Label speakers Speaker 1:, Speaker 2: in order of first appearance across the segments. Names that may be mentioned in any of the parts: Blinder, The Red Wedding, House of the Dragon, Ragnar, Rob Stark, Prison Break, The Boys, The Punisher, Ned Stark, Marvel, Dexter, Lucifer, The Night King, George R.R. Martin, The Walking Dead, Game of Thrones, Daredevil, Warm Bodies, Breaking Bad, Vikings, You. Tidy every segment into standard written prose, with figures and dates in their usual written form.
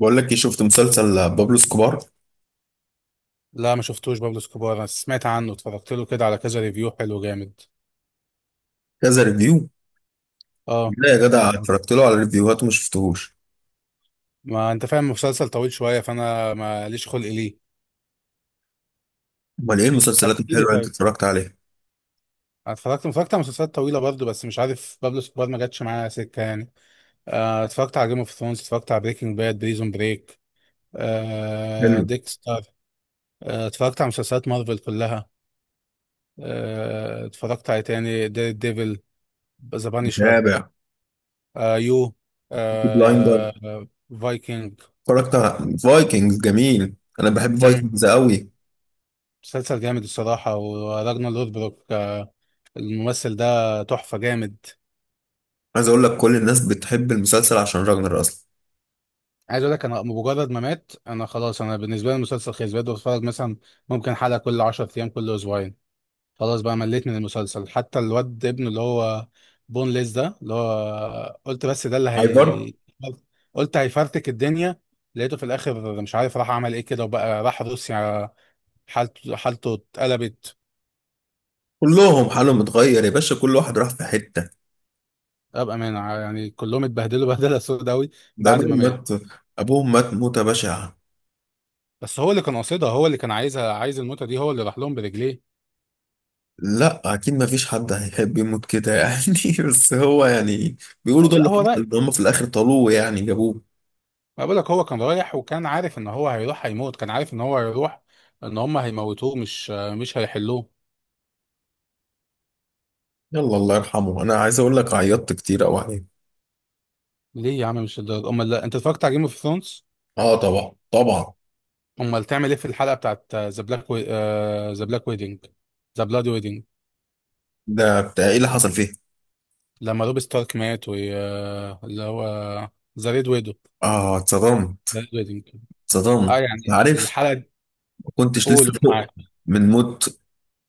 Speaker 1: بقول لك ايه، شفت مسلسل بابلو سكوبار؟
Speaker 2: لا، ما شفتوش بابلو اسكوبار. انا سمعت عنه، اتفرجت له كده على كذا ريفيو حلو جامد.
Speaker 1: كذا ريفيو.
Speaker 2: اه.
Speaker 1: لا يا جدع،
Speaker 2: اتفرج.
Speaker 1: اتفرجت له على ريفيوهات وما شفتهوش.
Speaker 2: ما انت فاهم مسلسل طويل شويه، فانا ما ليش خلق ليه.
Speaker 1: امال ايه
Speaker 2: طب
Speaker 1: المسلسلات
Speaker 2: احكي
Speaker 1: الحلوه
Speaker 2: لي
Speaker 1: اللي انت
Speaker 2: طيب.
Speaker 1: اتفرجت عليها؟
Speaker 2: أنا اتفرجت على مسلسلات طويله برضه، بس مش عارف بابلو اسكوبار ما جاتش معايا سكه يعني. اتفرجت على جيم اوف ثرونز، اتفرجت على بريكنج باد، بريزون بريك.
Speaker 1: حلو.
Speaker 2: ديكستر. اتفرجت على مسلسلات مارفل كلها. اتفرجت على إيه تاني، دير ديفل. ذا بانيشر.
Speaker 1: متابع.
Speaker 2: يو.
Speaker 1: بلايندر.
Speaker 2: آه فايكنج.
Speaker 1: اتفرجت على فايكنجز، جميل، انا بحب فايكنجز قوي.
Speaker 2: مسلسل جامد الصراحة، وراجنا لوثبروك. الممثل ده تحفة جامد.
Speaker 1: عايز اقول لك كل الناس بتحب المسلسل عشان راجنر اصلا.
Speaker 2: عايز اقول لك، انا مجرد ما مات انا خلاص، انا بالنسبة لي المسلسل خلص، بقيت بتفرج مثلا ممكن حلقة كل 10 ايام، كل اسبوعين. خلاص بقى، مليت من المسلسل حتى الواد ابنه اللي هو بون ليس، ده اللي هو قلت بس ده اللي
Speaker 1: ايفر.
Speaker 2: هي قلت هيفرتك الدنيا. لقيته في الاخر مش عارف راح عمل ايه كده، وبقى راح روسيا. حالته اتقلبت.
Speaker 1: كلهم حالهم اتغير يا باشا، كل واحد راح في حته.
Speaker 2: ابقى مانع يعني، كلهم اتبهدلوا بهدله سوداوي.
Speaker 1: ده
Speaker 2: بعد
Speaker 1: ابوهم
Speaker 2: ما مات.
Speaker 1: مات. ابوهم مات موته بشعه.
Speaker 2: بس هو اللي كان قاصدها، هو اللي كان عايزها، عايز الموتة دي، هو اللي راح لهم برجليه.
Speaker 1: لا اكيد، ما فيش حد هيحب يموت كده يعني. بس هو يعني بيقولوا ده
Speaker 2: لا
Speaker 1: اللي
Speaker 2: هو
Speaker 1: حصل،
Speaker 2: رايح.
Speaker 1: إن هم في الاخر طالوه يعني جابوه.
Speaker 2: ما بقولك، هو كان رايح وكان عارف ان هو هيروح هيموت، كان عارف ان هو هيروح ان هم هيموتوه، مش هيحلوه.
Speaker 1: يلا الله يرحمه، انا عايز اقول لك عيطت كتير قوي عليه.
Speaker 2: ليه يا عم؟ مش الدرجة؟ امال لا انت اتفرجت على جيم اوف ثرونز؟
Speaker 1: اه طبعا طبعا.
Speaker 2: امال تعمل ايه في الحلقة بتاعت ذا بلاك، ذا بلاك ويدنج، ذا بلاد ويدنج؟
Speaker 1: ده بتاع ايه اللي حصل فيه؟
Speaker 2: لما روب ستارك مات و اللي هو ذا ريد ويدو،
Speaker 1: اه اتصدمت.
Speaker 2: ذا ريد ويدنج.
Speaker 1: اتصدمت.
Speaker 2: اه يعني
Speaker 1: عارف،
Speaker 2: الحلقة دي.
Speaker 1: ما كنتش
Speaker 2: قول.
Speaker 1: لسه فوق من موت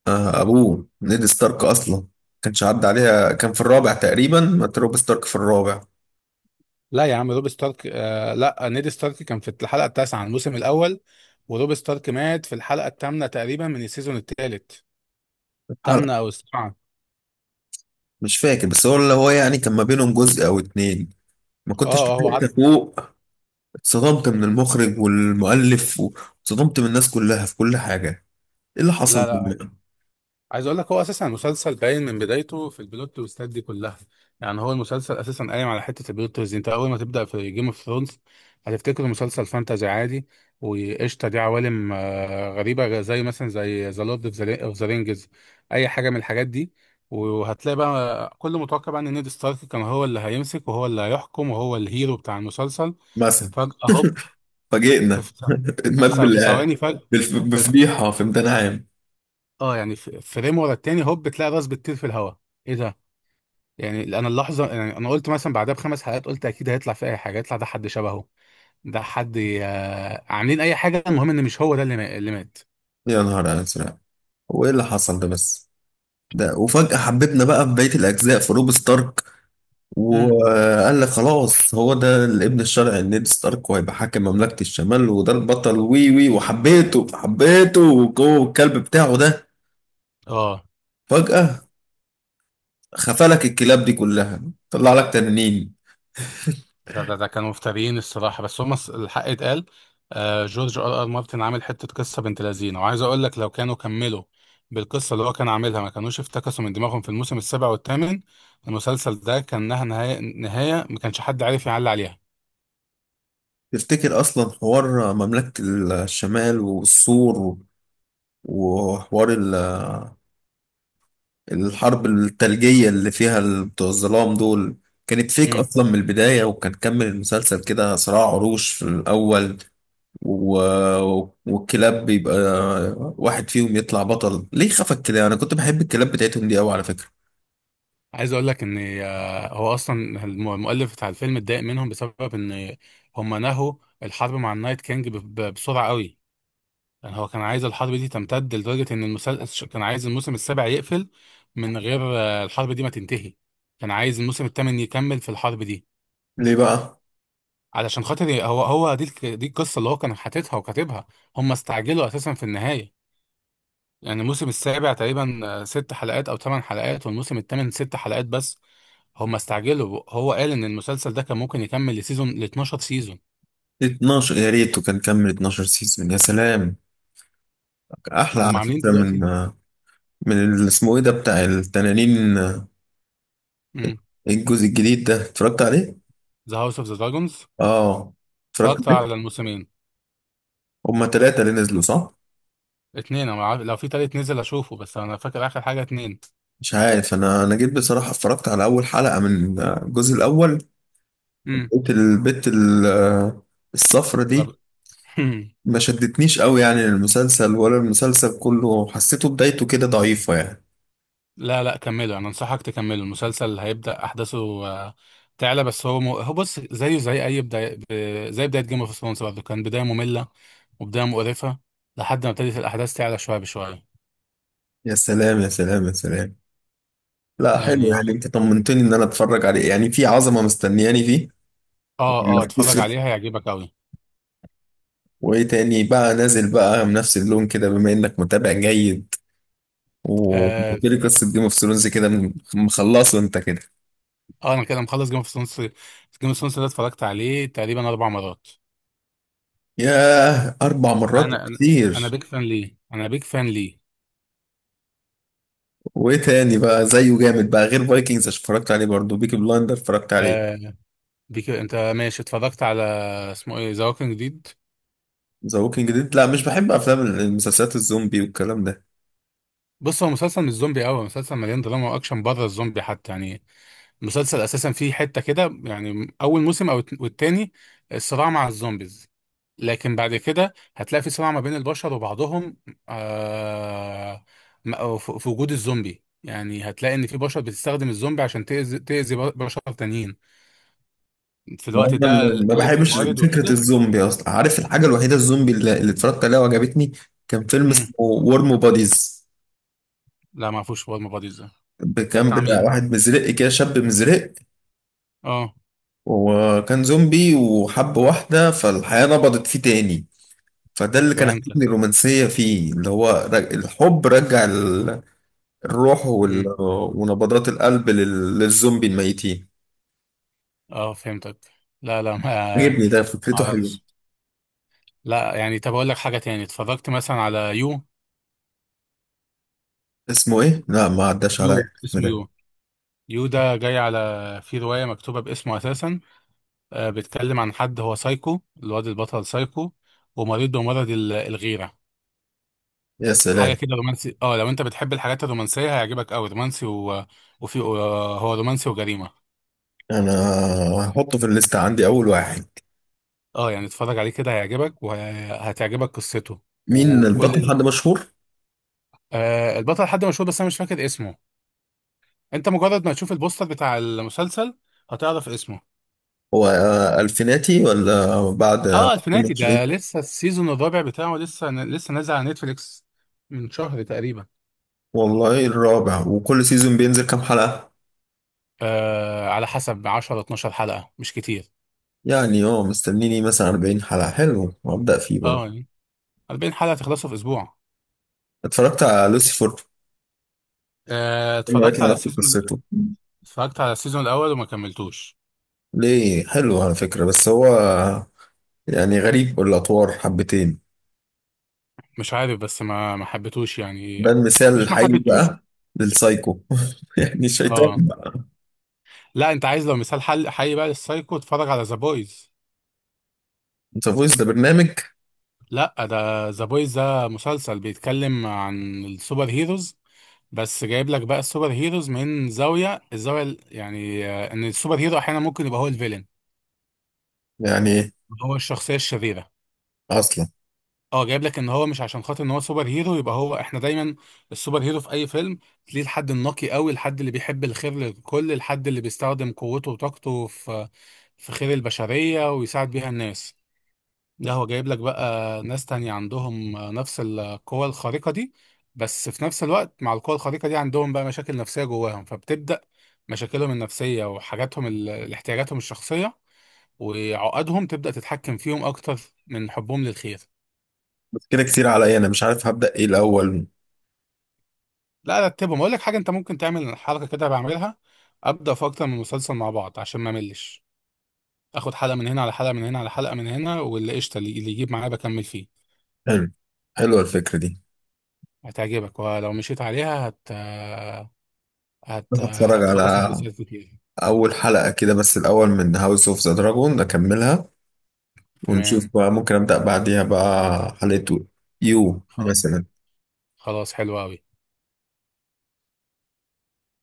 Speaker 1: آه ابوه نيد ستارك اصلا. كانش عدى عليها، كان في الرابع تقريبا، مات روب ستارك في الرابع.
Speaker 2: لا يا عم، روب ستارك لا، نيد ستارك كان في الحلقه التاسعه من الموسم الاول، وروب ستارك مات في الحلقه الثامنه تقريبا من السيزون الثالث،
Speaker 1: حلقة،
Speaker 2: ثامنه او السابعه.
Speaker 1: مش فاكر، بس هو اللي هو يعني كان ما بينهم جزء او اتنين. ما
Speaker 2: اه.
Speaker 1: كنتش
Speaker 2: هو
Speaker 1: لسه
Speaker 2: عدى.
Speaker 1: فوق. اتصدمت من المخرج والمؤلف، واتصدمت من الناس كلها في كل حاجة. ايه اللي حصل
Speaker 2: لا، لا.
Speaker 1: بالله؟
Speaker 2: عايز اقول لك، هو اساسا المسلسل باين من بدايته في البلوت تويستات دي كلها، يعني هو المسلسل اساسا قايم على حته البلوت تويست دي. انت اول ما تبدا في جيم اوف ثرونز هتفتكر مسلسل فانتازي عادي وقشطه، دي عوالم غريبه زي مثلا زي ذا لورد اوف ذا رينجز، اي حاجه من الحاجات دي. وهتلاقي بقى كل متوقع بقى ان نيد ستارك كان هو اللي هيمسك وهو اللي هيحكم وهو الهيرو بتاع المسلسل،
Speaker 1: مثلا
Speaker 2: فجاه هوب، في
Speaker 1: فاجئنا. مات
Speaker 2: في في ثواني فجاه.
Speaker 1: بفضيحة في امتحان عام.
Speaker 2: اه يعني، فريم ورا التاني هوب بتلاقي راس بتطير في الهواء. ايه ده؟ يعني انا اللحظه، يعني انا قلت مثلا بعدها ب5 حلقات، قلت اكيد هيطلع في اي حاجه، يطلع ده حد شبهه، ده حد، عاملين اي حاجه، المهم ان مش هو ده اللي اللي مات.
Speaker 1: يا نهار أزرق، هو ايه اللي حصل ده بس؟ ده وفجأة حبيتنا بقى في بقية الأجزاء في روب ستارك،
Speaker 2: امم
Speaker 1: وقال لك خلاص هو ده الابن الشرعي لنيد ستارك، وهيبقى حاكم مملكة الشمال، وده البطل، وي وي، وحبيته حبيته. والكلب بتاعه ده،
Speaker 2: اه
Speaker 1: فجأة خفلك الكلاب دي كلها، طلع لك تنانين.
Speaker 2: ده كانوا مفتريين الصراحه، بس هم الحق اتقال. جورج ار ار مارتن عامل حته قصه بنت لذينه، وعايز اقول لك، لو كانوا كملوا بالقصه اللي هو كان عاملها، ما كانوش افتكسوا من دماغهم في الموسم السابع والثامن. المسلسل ده كان لها نهايه، نهايه ما كانش حد عارف يعلي عليها.
Speaker 1: تفتكر أصلا حوار مملكة الشمال والسور، وحوار الحرب الثلجية اللي فيها بتوع الظلام دول، كانت فيك أصلا من البداية، وكان كمل المسلسل كده صراع عروش في الأول و... والكلاب بيبقى واحد فيهم يطلع بطل، ليه خفك كده؟ أنا كنت بحب الكلاب بتاعتهم دي أوي على فكرة.
Speaker 2: عايز اقول لك ان هو اصلا المؤلف بتاع الفيلم اتضايق منهم بسبب ان هم نهوا الحرب مع النايت كينج بسرعه قوي. يعني هو كان عايز الحرب دي تمتد، لدرجه ان المسلسل كان عايز الموسم السابع يقفل من غير الحرب دي ما تنتهي. كان عايز الموسم الثامن يكمل في الحرب دي،
Speaker 1: ليه بقى؟
Speaker 2: علشان خاطر هو هو دي دي القصه اللي هو كان حاططها وكاتبها. هم استعجلوا اساسا في النهايه، يعني الموسم السابع تقريبا 6 حلقات او 8 حلقات، والموسم الثامن 6 حلقات بس. هم استعجلوا. هو قال ان المسلسل ده كان ممكن يكمل لسيزون، ل 12 سيزون.
Speaker 1: 12 يا ريت، وكان كمل 12 سيزون يا سلام، أحلى
Speaker 2: هم
Speaker 1: على
Speaker 2: عاملين
Speaker 1: فكرة. من
Speaker 2: دلوقتي
Speaker 1: من اللي اسمه إيه ده بتاع التنانين؟ ايه الجزء الجديد ده؟ اتفرجت عليه؟
Speaker 2: ذا هاوس اوف ذا دراجونز.
Speaker 1: اه اتفرجت
Speaker 2: اتفرجت على
Speaker 1: عليه.
Speaker 2: الموسمين،
Speaker 1: هما تلاتة اللي نزلوا صح؟
Speaker 2: اتنين انا عارف، لو في تالت نزل اشوفه، بس انا فاكر اخر حاجه اتنين.
Speaker 1: مش عارف، انا جيت بصراحة اتفرجت على اول حلقة من الجزء الاول.
Speaker 2: امم
Speaker 1: لقيت البت الصفرة دي،
Speaker 2: لا.
Speaker 1: ما شدتنيش قوي يعني المسلسل، ولا المسلسل كله حسيته بدايته كده ضعيفة يعني.
Speaker 2: لا، لا، كمله. انا انصحك تكمله، المسلسل هيبدا احداثه آه، تعلى. بس هو هو بص زيه زي اي بدايه، زي بدايه جيم اوف ثرونز برضه كان بدايه ممله وبدايه مقرفه، لحد ما ابتدت الاحداث تعلى شويه بشويه.
Speaker 1: يا سلام يا سلام يا سلام، لا حلو،
Speaker 2: يعني اه،
Speaker 1: يعني انت طمنتني ان انا اتفرج عليه، يعني في عظمة مستنياني فيه.
Speaker 2: اه
Speaker 1: ولا
Speaker 2: اتفرج
Speaker 1: خسر؟
Speaker 2: عليها هيعجبك قوي.
Speaker 1: وايه تاني بقى نازل بقى بنفس اللون كده، بما انك متابع جيد،
Speaker 2: اه.
Speaker 1: وبالتالي قصة جيم اوف ثرونز كده مخلصه انت كده.
Speaker 2: انا كده مخلص جيم اوف ثرونز. جيم اوف ثرونز ده اتفرجت عليه تقريبا 4 مرات.
Speaker 1: ياه أربع مرات
Speaker 2: انا انا
Speaker 1: كتير.
Speaker 2: بيك فان ليه، انا بيك فان ليه.
Speaker 1: وإيه تاني بقى زيه جامد بقى؟ غير فايكنجز اتفرجت عليه برضه، بيكي بلايندر اتفرجت عليه.
Speaker 2: آه بيك، انت ماشي. اتفرجت على، اسمه ايه، ذا ووكينج ديد.
Speaker 1: ذا ووكينج ديد؟ لا مش بحب أفلام المسلسلات الزومبي والكلام ده.
Speaker 2: بص هو مسلسل مش زومبي قوي، مسلسل مليان دراما واكشن بره الزومبي حتى يعني. مسلسل اساسا فيه حته كده، يعني اول موسم او والتاني الصراع مع الزومبيز، لكن بعد كده هتلاقي في صراع ما بين البشر وبعضهم، آه أو في وجود الزومبي، يعني هتلاقي ان في بشر بتستخدم الزومبي عشان تأذي بشر تانيين في
Speaker 1: ما هو
Speaker 2: الوقت
Speaker 1: أنا
Speaker 2: ده،
Speaker 1: ما
Speaker 2: قلة
Speaker 1: بحبش
Speaker 2: الموارد
Speaker 1: فكرة
Speaker 2: وكده.
Speaker 1: الزومبي أصلا. عارف الحاجة الوحيدة الزومبي اللي اتفرجت عليها وعجبتني؟ كان فيلم
Speaker 2: امم
Speaker 1: اسمه ورم بوديز.
Speaker 2: لا ما اعرفوش هو المبادئ ده. ده
Speaker 1: كان
Speaker 2: بتاع
Speaker 1: بتاع
Speaker 2: مين؟
Speaker 1: واحد مزرق كده، شاب مزرق،
Speaker 2: اه،
Speaker 1: وكان زومبي وحب واحدة، فالحياة نبضت فيه تاني. فده اللي كان
Speaker 2: فهمتك.
Speaker 1: عاجبني، الرومانسية فيه، اللي هو الحب رجع الروح
Speaker 2: امم
Speaker 1: ونبضات القلب للزومبي الميتين.
Speaker 2: اه، فهمتك. لا، لا، ما
Speaker 1: عجبني ده، فكرته حلوة.
Speaker 2: اعرفش. لا يعني، طب اقول لك حاجه تاني، اتفرجت مثلا على يو.
Speaker 1: اسمه ايه؟ لا ما عداش عليا
Speaker 2: يو،
Speaker 1: الاسم
Speaker 2: اسمه
Speaker 1: ده.
Speaker 2: يو. يو ده جاي على، في رواية مكتوبة باسمه أساسا. بيتكلم عن حد هو سايكو، الواد البطل سايكو ومريض بمرض الغيرة.
Speaker 1: يا
Speaker 2: حاجة
Speaker 1: سلام،
Speaker 2: كده رومانسي، اه لو انت بتحب الحاجات الرومانسية هيعجبك أوي، رومانسي و... وفي هو رومانسي وجريمة.
Speaker 1: انا هحطه في الليست عندي اول واحد.
Speaker 2: اه يعني، اتفرج عليه كده هيعجبك وهتعجبك قصته
Speaker 1: مين البطل،
Speaker 2: وكل.
Speaker 1: حد مشهور؟
Speaker 2: البطل حد مشهور، بس أنا مش فاكر اسمه. انت مجرد ما تشوف البوستر بتاع المسلسل هتعرف اسمه.
Speaker 1: هو الفيناتي ولا بعد
Speaker 2: اه، الفناتي
Speaker 1: 22؟
Speaker 2: ده لسه السيزون الرابع بتاعه، لسه نازل على نتفليكس من شهر تقريبا.
Speaker 1: والله الرابع؟ وكل سيزون بينزل كام حلقة؟
Speaker 2: على حسب 10 12 حلقة مش كتير.
Speaker 1: يعني اه مستنيني مثلا 40 حلقة، حلو، وابدأ فيه
Speaker 2: اه
Speaker 1: برضه.
Speaker 2: يعني، 40 حلقة تخلصوا في اسبوع.
Speaker 1: اتفرجت على لوسيفر؟ ما
Speaker 2: اتفرجت
Speaker 1: يطلع
Speaker 2: على
Speaker 1: نفس
Speaker 2: السيزون،
Speaker 1: قصته.
Speaker 2: اتفرجت على السيزون الاول وما كملتوش.
Speaker 1: ليه، حلو على فكرة، بس هو يعني غريب الأطوار حبتين.
Speaker 2: مش عارف بس ما حبيتوش يعني.
Speaker 1: ده المثال
Speaker 2: مش ما
Speaker 1: الحقيقي
Speaker 2: حبيتوش.
Speaker 1: بقى للسايكو. يعني الشيطان
Speaker 2: اه،
Speaker 1: بقى.
Speaker 2: لا انت عايز لو مثال حل حي بقى للسايكو، اتفرج على ذا بويز.
Speaker 1: انت فويس ده برنامج؟
Speaker 2: لا، ده ذا بويز ده مسلسل بيتكلم عن السوبر هيروز، بس جايب لك بقى السوبر هيروز من زاوية، الزاوية يعني ان السوبر هيرو احيانا ممكن يبقى هو الفيلن،
Speaker 1: يعني
Speaker 2: هو الشخصية الشريرة.
Speaker 1: أصلا.
Speaker 2: اه، جايب لك ان هو مش عشان خاطر ان هو سوبر هيرو يبقى هو، احنا دايما السوبر هيرو في اي فيلم تلاقيه الحد النقي قوي، الحد اللي بيحب الخير للكل، الحد اللي بيستخدم قوته وطاقته في خير البشرية ويساعد بيها الناس. ده هو جايب لك بقى ناس تانية عندهم نفس القوة الخارقة دي، بس في نفس الوقت مع القوة الخارقة دي عندهم بقى مشاكل نفسية جواهم، فبتبدأ مشاكلهم النفسية وحاجاتهم احتياجاتهم الشخصية وعقدهم تبدأ تتحكم فيهم أكتر من حبهم للخير.
Speaker 1: بس كده كتير عليا، أنا مش عارف هبدأ إيه الأول.
Speaker 2: لا رتبهم، أقول لك حاجة أنت ممكن تعمل حركة كده بعملها، أبدأ في أكتر من مسلسل مع بعض عشان ما أملش، آخد حلقة من هنا على حلقة من هنا على حلقة من هنا، واللي قشطة اللي يجيب معايا بكمل فيه.
Speaker 1: حلو، حلوة الفكرة دي.
Speaker 2: هتعجبك، ولو مشيت عليها
Speaker 1: بس هتفرج
Speaker 2: هتخلص
Speaker 1: على
Speaker 2: مسلسلات كتير.
Speaker 1: أول حلقة كده بس الأول من هاوس أوف ذا دراجون أكملها، ونشوف
Speaker 2: تمام.
Speaker 1: بقى ممكن أبدأ بعديها بقى حلقة يو
Speaker 2: خ-
Speaker 1: مثلا.
Speaker 2: خلاص، حلو أوي.